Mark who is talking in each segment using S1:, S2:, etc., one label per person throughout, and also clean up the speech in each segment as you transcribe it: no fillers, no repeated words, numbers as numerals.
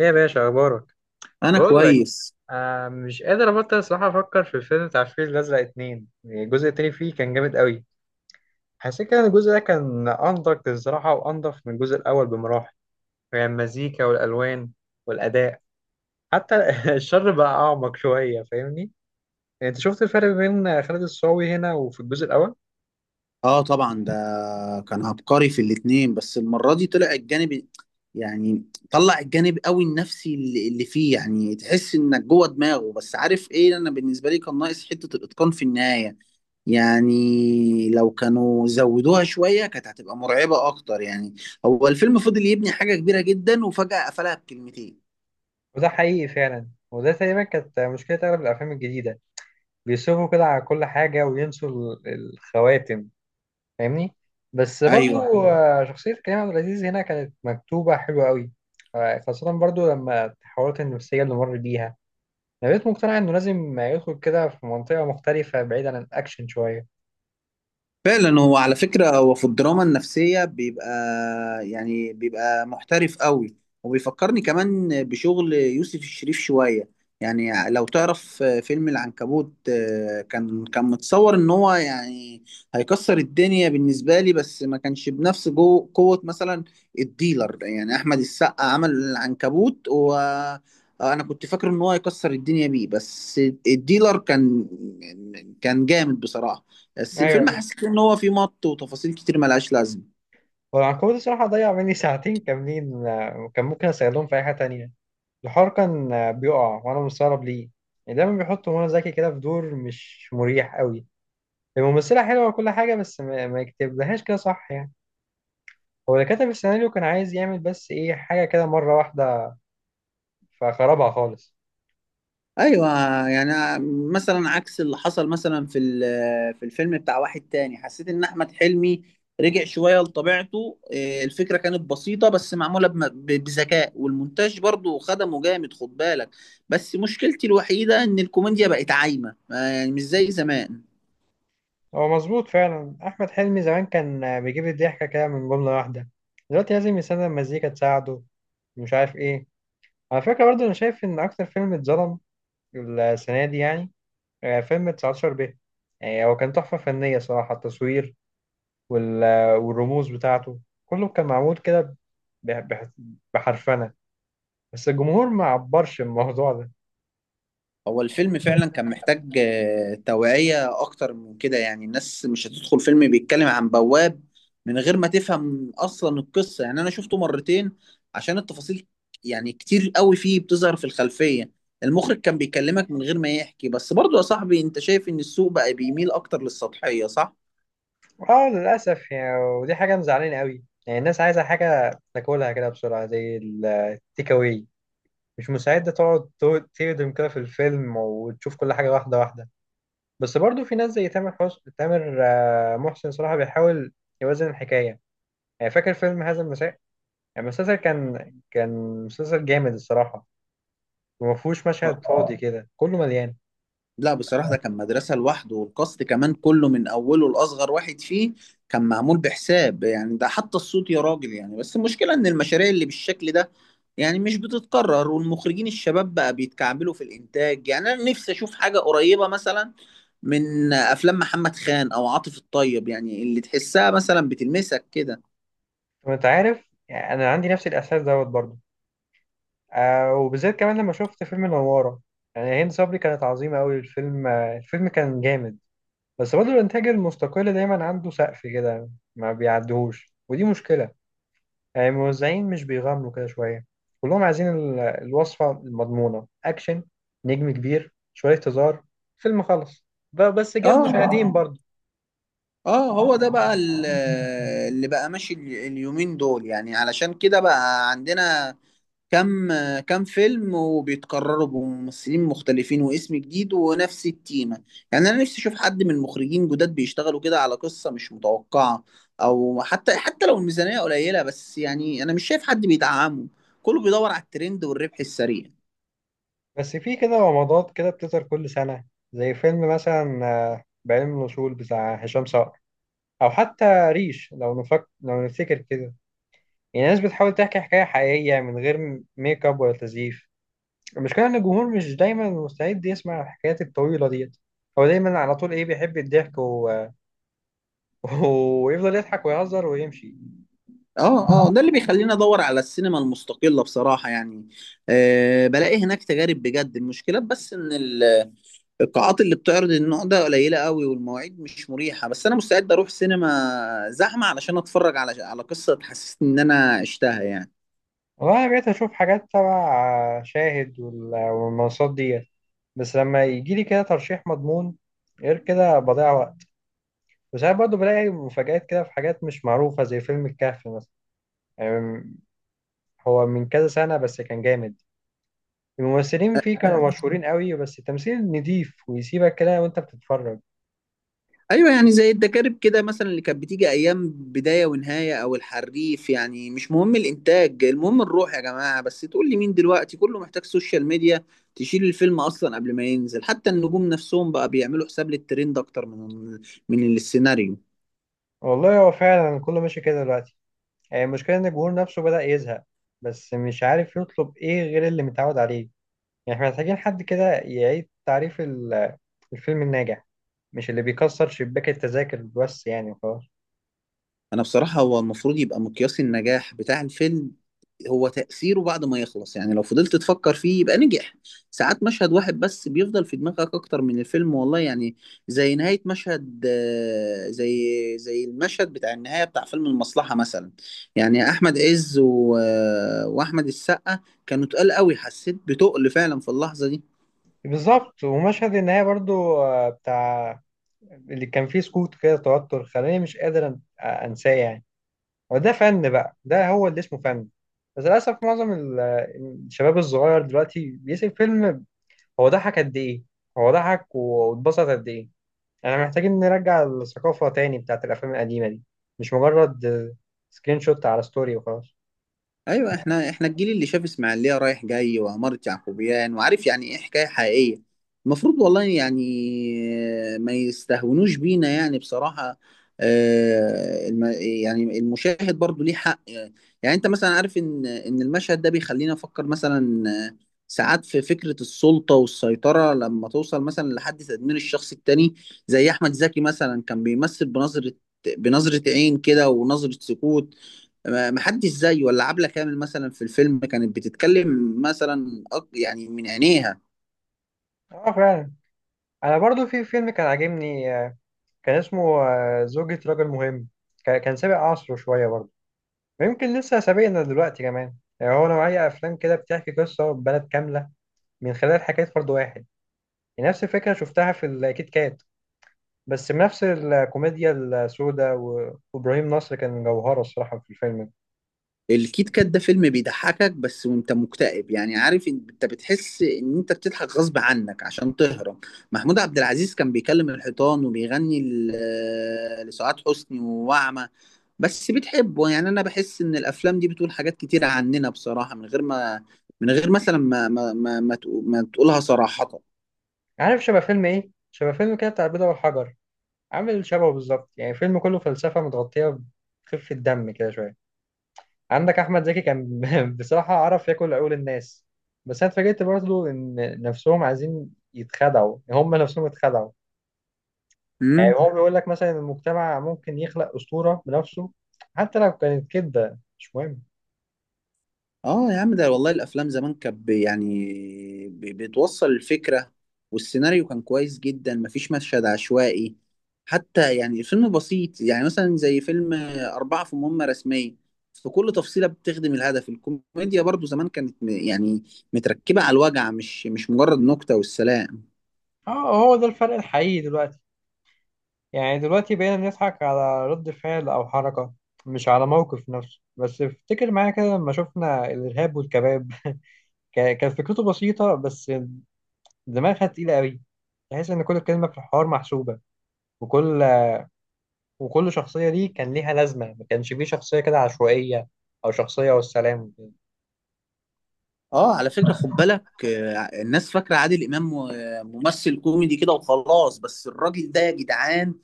S1: ايه يا باشا، اخبارك؟
S2: انا
S1: بقول لك،
S2: كويس.
S1: مش قادر ابطل الصراحه، افكر في الفيلم بتاع الفيل الازرق اتنين. الجزء التاني فيه كان جامد قوي. حسيت كده ان الجزء ده كان انضف الصراحه، وانضف من الجزء الاول بمراحل. يعني المزيكا والالوان والاداء، حتى الشر بقى اعمق شويه. فاهمني؟ انت شفت الفرق بين خالد الصاوي هنا وفي الجزء الاول؟
S2: اه طبعا ده كان عبقري في الاتنين، بس المره دي طلع الجانب، يعني طلع الجانب قوي النفسي اللي فيه، يعني تحس انك جوه دماغه. بس عارف ايه، انا بالنسبه لي كان ناقص حته الاتقان في النهايه، يعني لو كانوا زودوها شويه كانت هتبقى مرعبه اكتر. يعني هو الفيلم فضل يبني حاجه كبيره جدا، وفجاه قفلها بكلمتين.
S1: وده حقيقي فعلا، وده تقريبا كانت مشكله اغلب الافلام الجديده، بيصرفوا كده على كل حاجه وينسوا الخواتم. فاهمني؟ بس
S2: ايوه،
S1: برضو شخصية كريم عبد العزيز هنا كانت مكتوبة حلوة قوي. خاصة برضو لما التحولات النفسية اللي مر بيها، أنا بقيت مقتنع إنه لازم يدخل كده في منطقة مختلفة بعيد عن الأكشن شوية.
S2: فعلا هو على فكرة هو في الدراما النفسية بيبقى، يعني بيبقى محترف قوي. وبيفكرني كمان بشغل يوسف الشريف شوية، يعني لو تعرف فيلم العنكبوت. كان متصور ان هو، يعني هيكسر الدنيا بالنسبة لي، بس ما كانش بنفس جو قوة مثلا الديلر. يعني احمد السقا عمل العنكبوت، و انا كنت فاكر ان هو هيكسر الدنيا بيه، بس الديلر كان، كان جامد بصراحة. بس
S1: أيوة.
S2: الفيلم حسيت ان هو فيه مط وتفاصيل كتير ملهاش لازمه.
S1: والعنكبوت الصراحة ضيع مني ساعتين كاملين، وكان ممكن أستغلهم في أي حاجة تانية. الحوار كان بيقع وأنا مستغرب ليه. يعني دايما بيحط منى زكي كده في دور مش مريح قوي. الممثلة حلوة وكل حاجة، بس ما يكتبلهاش كده صح يعني. هو اللي كتب السيناريو كان عايز يعمل بس ايه حاجة كده مرة واحدة، فخربها خالص.
S2: ايوه، يعني مثلا عكس اللي حصل مثلا في ال- آه، في الفيلم بتاع واحد تاني، حسيت ان احمد حلمي رجع شويه لطبيعته. إيه، الفكره كانت بسيطه بس معموله بذكاء، والمونتاج برضو خدمه جامد خد بالك. بس مشكلتي الوحيده ان الكوميديا بقت عايمه، يعني مش زي زمان.
S1: هو مظبوط فعلا، أحمد حلمي زمان كان بيجيب الضحكة كده من جملة واحدة. دلوقتي لازم يستخدم مزيكا تساعده، مش عارف ايه. على فكرة برضه أنا شايف إن أكتر فيلم اتظلم السنة دي يعني فيلم 19 ب. يعني هو كان تحفة فنية صراحة، التصوير والرموز بتاعته، كله كان معمول كده بح- بح- بحرفنة. بس الجمهور ما عبرش الموضوع ده.
S2: هو الفيلم فعلا كان محتاج توعية أكتر من كده، يعني الناس مش هتدخل فيلم بيتكلم عن بواب من غير ما تفهم أصلا القصة. يعني أنا شفته مرتين عشان التفاصيل، يعني كتير قوي فيه بتظهر في الخلفية. المخرج كان بيكلمك من غير ما يحكي. بس برضو يا صاحبي، أنت شايف إن السوق بقى بيميل أكتر للسطحية صح؟
S1: اه، للأسف يعني، ودي حاجة مزعلانة قوي، يعني الناس عايزة حاجة تاكلها كده بسرعة زي التيك أواي، مش مستعدة تقعد تهضم كده في الفيلم وتشوف كل حاجة واحدة واحدة. بس برضو في ناس زي تامر محسن صراحة بيحاول يوازن الحكاية. يعني فاكر فيلم هذا المساء؟ يعني المسلسل كان مسلسل جامد الصراحة، وما فيهوش مشهد فاضي، كده كله مليان.
S2: لا بصراحة ده كان مدرسة لوحده، والكاست كمان كله من أوله لأصغر واحد فيه كان معمول بحساب. يعني ده حتى الصوت يا راجل، يعني بس المشكلة إن المشاريع اللي بالشكل ده يعني مش بتتكرر، والمخرجين الشباب بقى بيتكعبلوا في الإنتاج. يعني أنا نفسي أشوف حاجة قريبة مثلا من أفلام محمد خان أو عاطف الطيب، يعني اللي تحسها مثلا بتلمسك كده.
S1: وانت عارف يعني، أنا عندي نفس الإحساس دوت برضو وبالذات كمان لما شفت فيلم النوارة، يعني هند صبري كانت عظيمة أوي. الفيلم كان جامد. بس برضه الإنتاج المستقل دايما عنده سقف كده، ما بيعدهوش، ودي مشكلة. يعني الموزعين مش بيغامروا كده شوية، كلهم عايزين الوصفة المضمونة، أكشن، نجم كبير، شوية هزار، فيلم خلص، بس جاب
S2: اه
S1: مشاهدين برضه.
S2: اه هو ده بقى اللي بقى ماشي اليومين دول، يعني علشان كده بقى عندنا كم كم فيلم، وبيتكرروا بممثلين مختلفين واسم جديد ونفس التيمة. يعني أنا نفسي أشوف حد من المخرجين جداد بيشتغلوا كده على قصة مش متوقعة، أو حتى لو الميزانية قليلة، بس يعني أنا مش شايف حد بيدعمه، كله بيدور على الترند والربح السريع.
S1: بس في كده رمضات كده بتظهر كل سنة، زي فيلم مثلا آه بعلم الوصول بتاع هشام صقر، او حتى ريش، لو نفكر لو نفتكر كده. يعني الناس بتحاول تحكي حكايه حقيقيه من غير ميك اب ولا تزييف. المشكله ان الجمهور مش دايما مستعد يسمع الحكايات الطويله ديت. هو دايما على طول ايه بيحب الضحك و ويفضل يضحك ويهزر ويمشي.
S2: اه ده اللي بيخليني ادور على السينما المستقلة بصراحة. يعني أه بلاقي هناك تجارب بجد. المشكلة بس ان القاعات اللي بتعرض النوع ده قليلة قوي، والمواعيد مش مريحة. بس أنا مستعد أروح سينما زحمة علشان أتفرج على قصة تحسسني إن أنا عشتها. يعني
S1: والله انا بقيت اشوف حاجات تبع شاهد والمنصات ديت، بس لما يجي لي كده ترشيح مضمون، غير كده بضيع وقت. وساعات برضه بلاقي مفاجآت كده في حاجات مش معروفة، زي فيلم الكهف مثلا. يعني هو من كذا سنة بس كان جامد. الممثلين فيه كانوا مشهورين قوي، بس التمثيل نضيف ويسيبك كده وانت بتتفرج.
S2: أيوة، يعني زي الدكاترة كده مثلا، اللي كانت بتيجي أيام بداية ونهاية أو الحريف، يعني مش مهم الإنتاج، المهم الروح يا جماعة. بس تقول لي مين دلوقتي، كله محتاج سوشيال ميديا تشيل الفيلم أصلا قبل ما ينزل. حتى النجوم نفسهم بقى بيعملوا حساب للترند أكتر من السيناريو.
S1: والله هو فعلا كله ماشي كده دلوقتي. يعني المشكلة ان الجمهور نفسه بدأ يزهق، بس مش عارف يطلب ايه غير اللي متعود عليه. يعني احنا محتاجين حد كده يعيد تعريف الفيلم الناجح، مش اللي بيكسر شباك التذاكر بس يعني وخلاص.
S2: انا بصراحة هو المفروض يبقى مقياس النجاح بتاع الفيلم هو تأثيره بعد ما يخلص، يعني لو فضلت تفكر فيه يبقى نجح. ساعات مشهد واحد بس بيفضل في دماغك اكتر من الفيلم والله يعني. زي نهاية مشهد زي المشهد بتاع النهاية بتاع فيلم المصلحة مثلا، يعني احمد عز و... آه، واحمد السقا، كانوا تقال قوي، حسيت بتقل فعلا في اللحظة دي.
S1: بالظبط. ومشهد النهاية برضو بتاع اللي كان فيه سكوت كده، توتر خلاني مش قادر انساه يعني. وده فن بقى، ده هو اللي اسمه فن. بس للأسف معظم الشباب الصغير دلوقتي بيسيب فيلم، هو ضحك قد إيه، هو ضحك واتبسط قد إيه. احنا محتاجين نرجع الثقافة تاني بتاعت الأفلام القديمة دي، مش مجرد سكرين شوت على ستوري وخلاص.
S2: ايوه، احنا الجيل اللي شاف اسماعيليه رايح جاي وعماره يعقوبيان، وعارف يعني ايه حكايه حقيقيه. المفروض والله يعني ما يستهونوش بينا يعني بصراحه. يعني المشاهد برضو ليه حق. يعني انت مثلا عارف ان المشهد ده بيخلينا نفكر مثلا، ساعات في فكره السلطه والسيطره لما توصل مثلا لحد تدمير الشخص التاني. زي احمد زكي مثلا كان بيمثل بنظره عين كده ونظره سكوت، ما حدش زيه. ولا عبلة كامل مثلا في الفيلم كانت بتتكلم مثلا يعني من عينيها.
S1: اه، فعلا. انا برضو في فيلم كان عاجبني كان اسمه زوجة رجل مهم. كان سابق عصره شوية برضو، ويمكن لسه سابقنا دلوقتي كمان. يعني هو نوعية أفلام كده بتحكي قصة بلد كاملة من خلال حكاية فرد واحد. نفس الفكرة شفتها في الكيت كات، بس بنفس الكوميديا السوداء وإبراهيم نصر كان جوهرة الصراحة في الفيلم ده.
S2: الكيت كات ده فيلم بيضحكك بس وانت مكتئب، يعني عارف انت بتحس ان انت بتضحك غصب عنك عشان تهرب. محمود عبد العزيز كان بيكلم الحيطان وبيغني لسعاد حسني ووعمة، بس بتحبه. يعني انا بحس ان الافلام دي بتقول حاجات كتير عننا بصراحة، من غير ما، من غير مثلا ما تقولها صراحة.
S1: عارف شبه فيلم إيه؟ شبه فيلم كده بتاع البيضة والحجر، عامل شبهه بالظبط. يعني فيلم كله فلسفة متغطية بخفة دم كده شوية. عندك أحمد زكي كان بصراحة عرف ياكل عقول الناس. بس أنا اتفاجئت برضه إن نفسهم عايزين يتخدعوا، هم نفسهم اتخدعوا. يعني
S2: امم
S1: هو بيقول لك مثلا المجتمع ممكن يخلق أسطورة بنفسه، حتى لو كانت كده مش مهم.
S2: اه يا عم، ده والله الافلام زمان كانت يعني بتوصل الفكره، والسيناريو كان كويس جدا، مفيش مشهد عشوائي. حتى يعني الفيلم بسيط، يعني مثلا زي فيلم أربعة في مهمة رسمية، في كل تفصيلة بتخدم الهدف. الكوميديا برضو زمان كانت يعني متركبة على الوجع، مش مجرد نكتة والسلام.
S1: اه، هو ده الفرق الحقيقي دلوقتي. يعني دلوقتي بقينا بنضحك على رد فعل أو حركة، مش على موقف نفسه. بس افتكر معايا كده لما شفنا الإرهاب والكباب، كانت فكرته بسيطة بس دماغها تقيلة قوي. تحس إن كل كلمة في الحوار محسوبة، وكل وكل شخصية دي كان ليها لازمة، ما كانش فيه شخصية كده عشوائية أو شخصية والسلام وكده.
S2: اه على فكرة خد بالك، الناس فاكرة عادل إمام ممثل كوميدي كده وخلاص، بس الراجل ده يا جدعان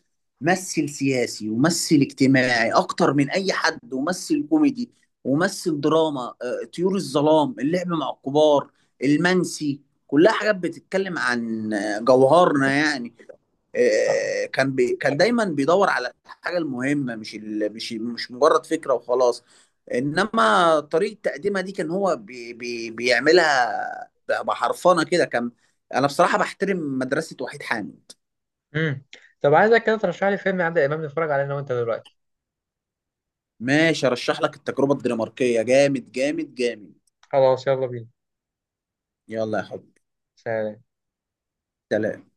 S2: ممثل سياسي وممثل اجتماعي أكتر من أي حد، وممثل كوميدي وممثل دراما. طيور الظلام، اللعب مع الكبار، المنسي، كلها حاجات بتتكلم عن جوهرنا. يعني
S1: آه.
S2: كان بي كان دايما بيدور على الحاجة المهمة، مش مش مجرد فكرة وخلاص. انما طريقه تقديمها دي كان هو بي بي بيعملها بحرفنه كده كان. انا بصراحه بحترم مدرسه وحيد حامد.
S1: امم طب عايزك كده ترشح لي فيلم عادل إمام نتفرج عليه أنا وأنت دلوقتي.
S2: ماشي ارشح لك التجربه الدنماركيه، جامد جامد جامد.
S1: خلاص، يلا بينا.
S2: يلا يا حبيبي.
S1: سلام.
S2: سلام.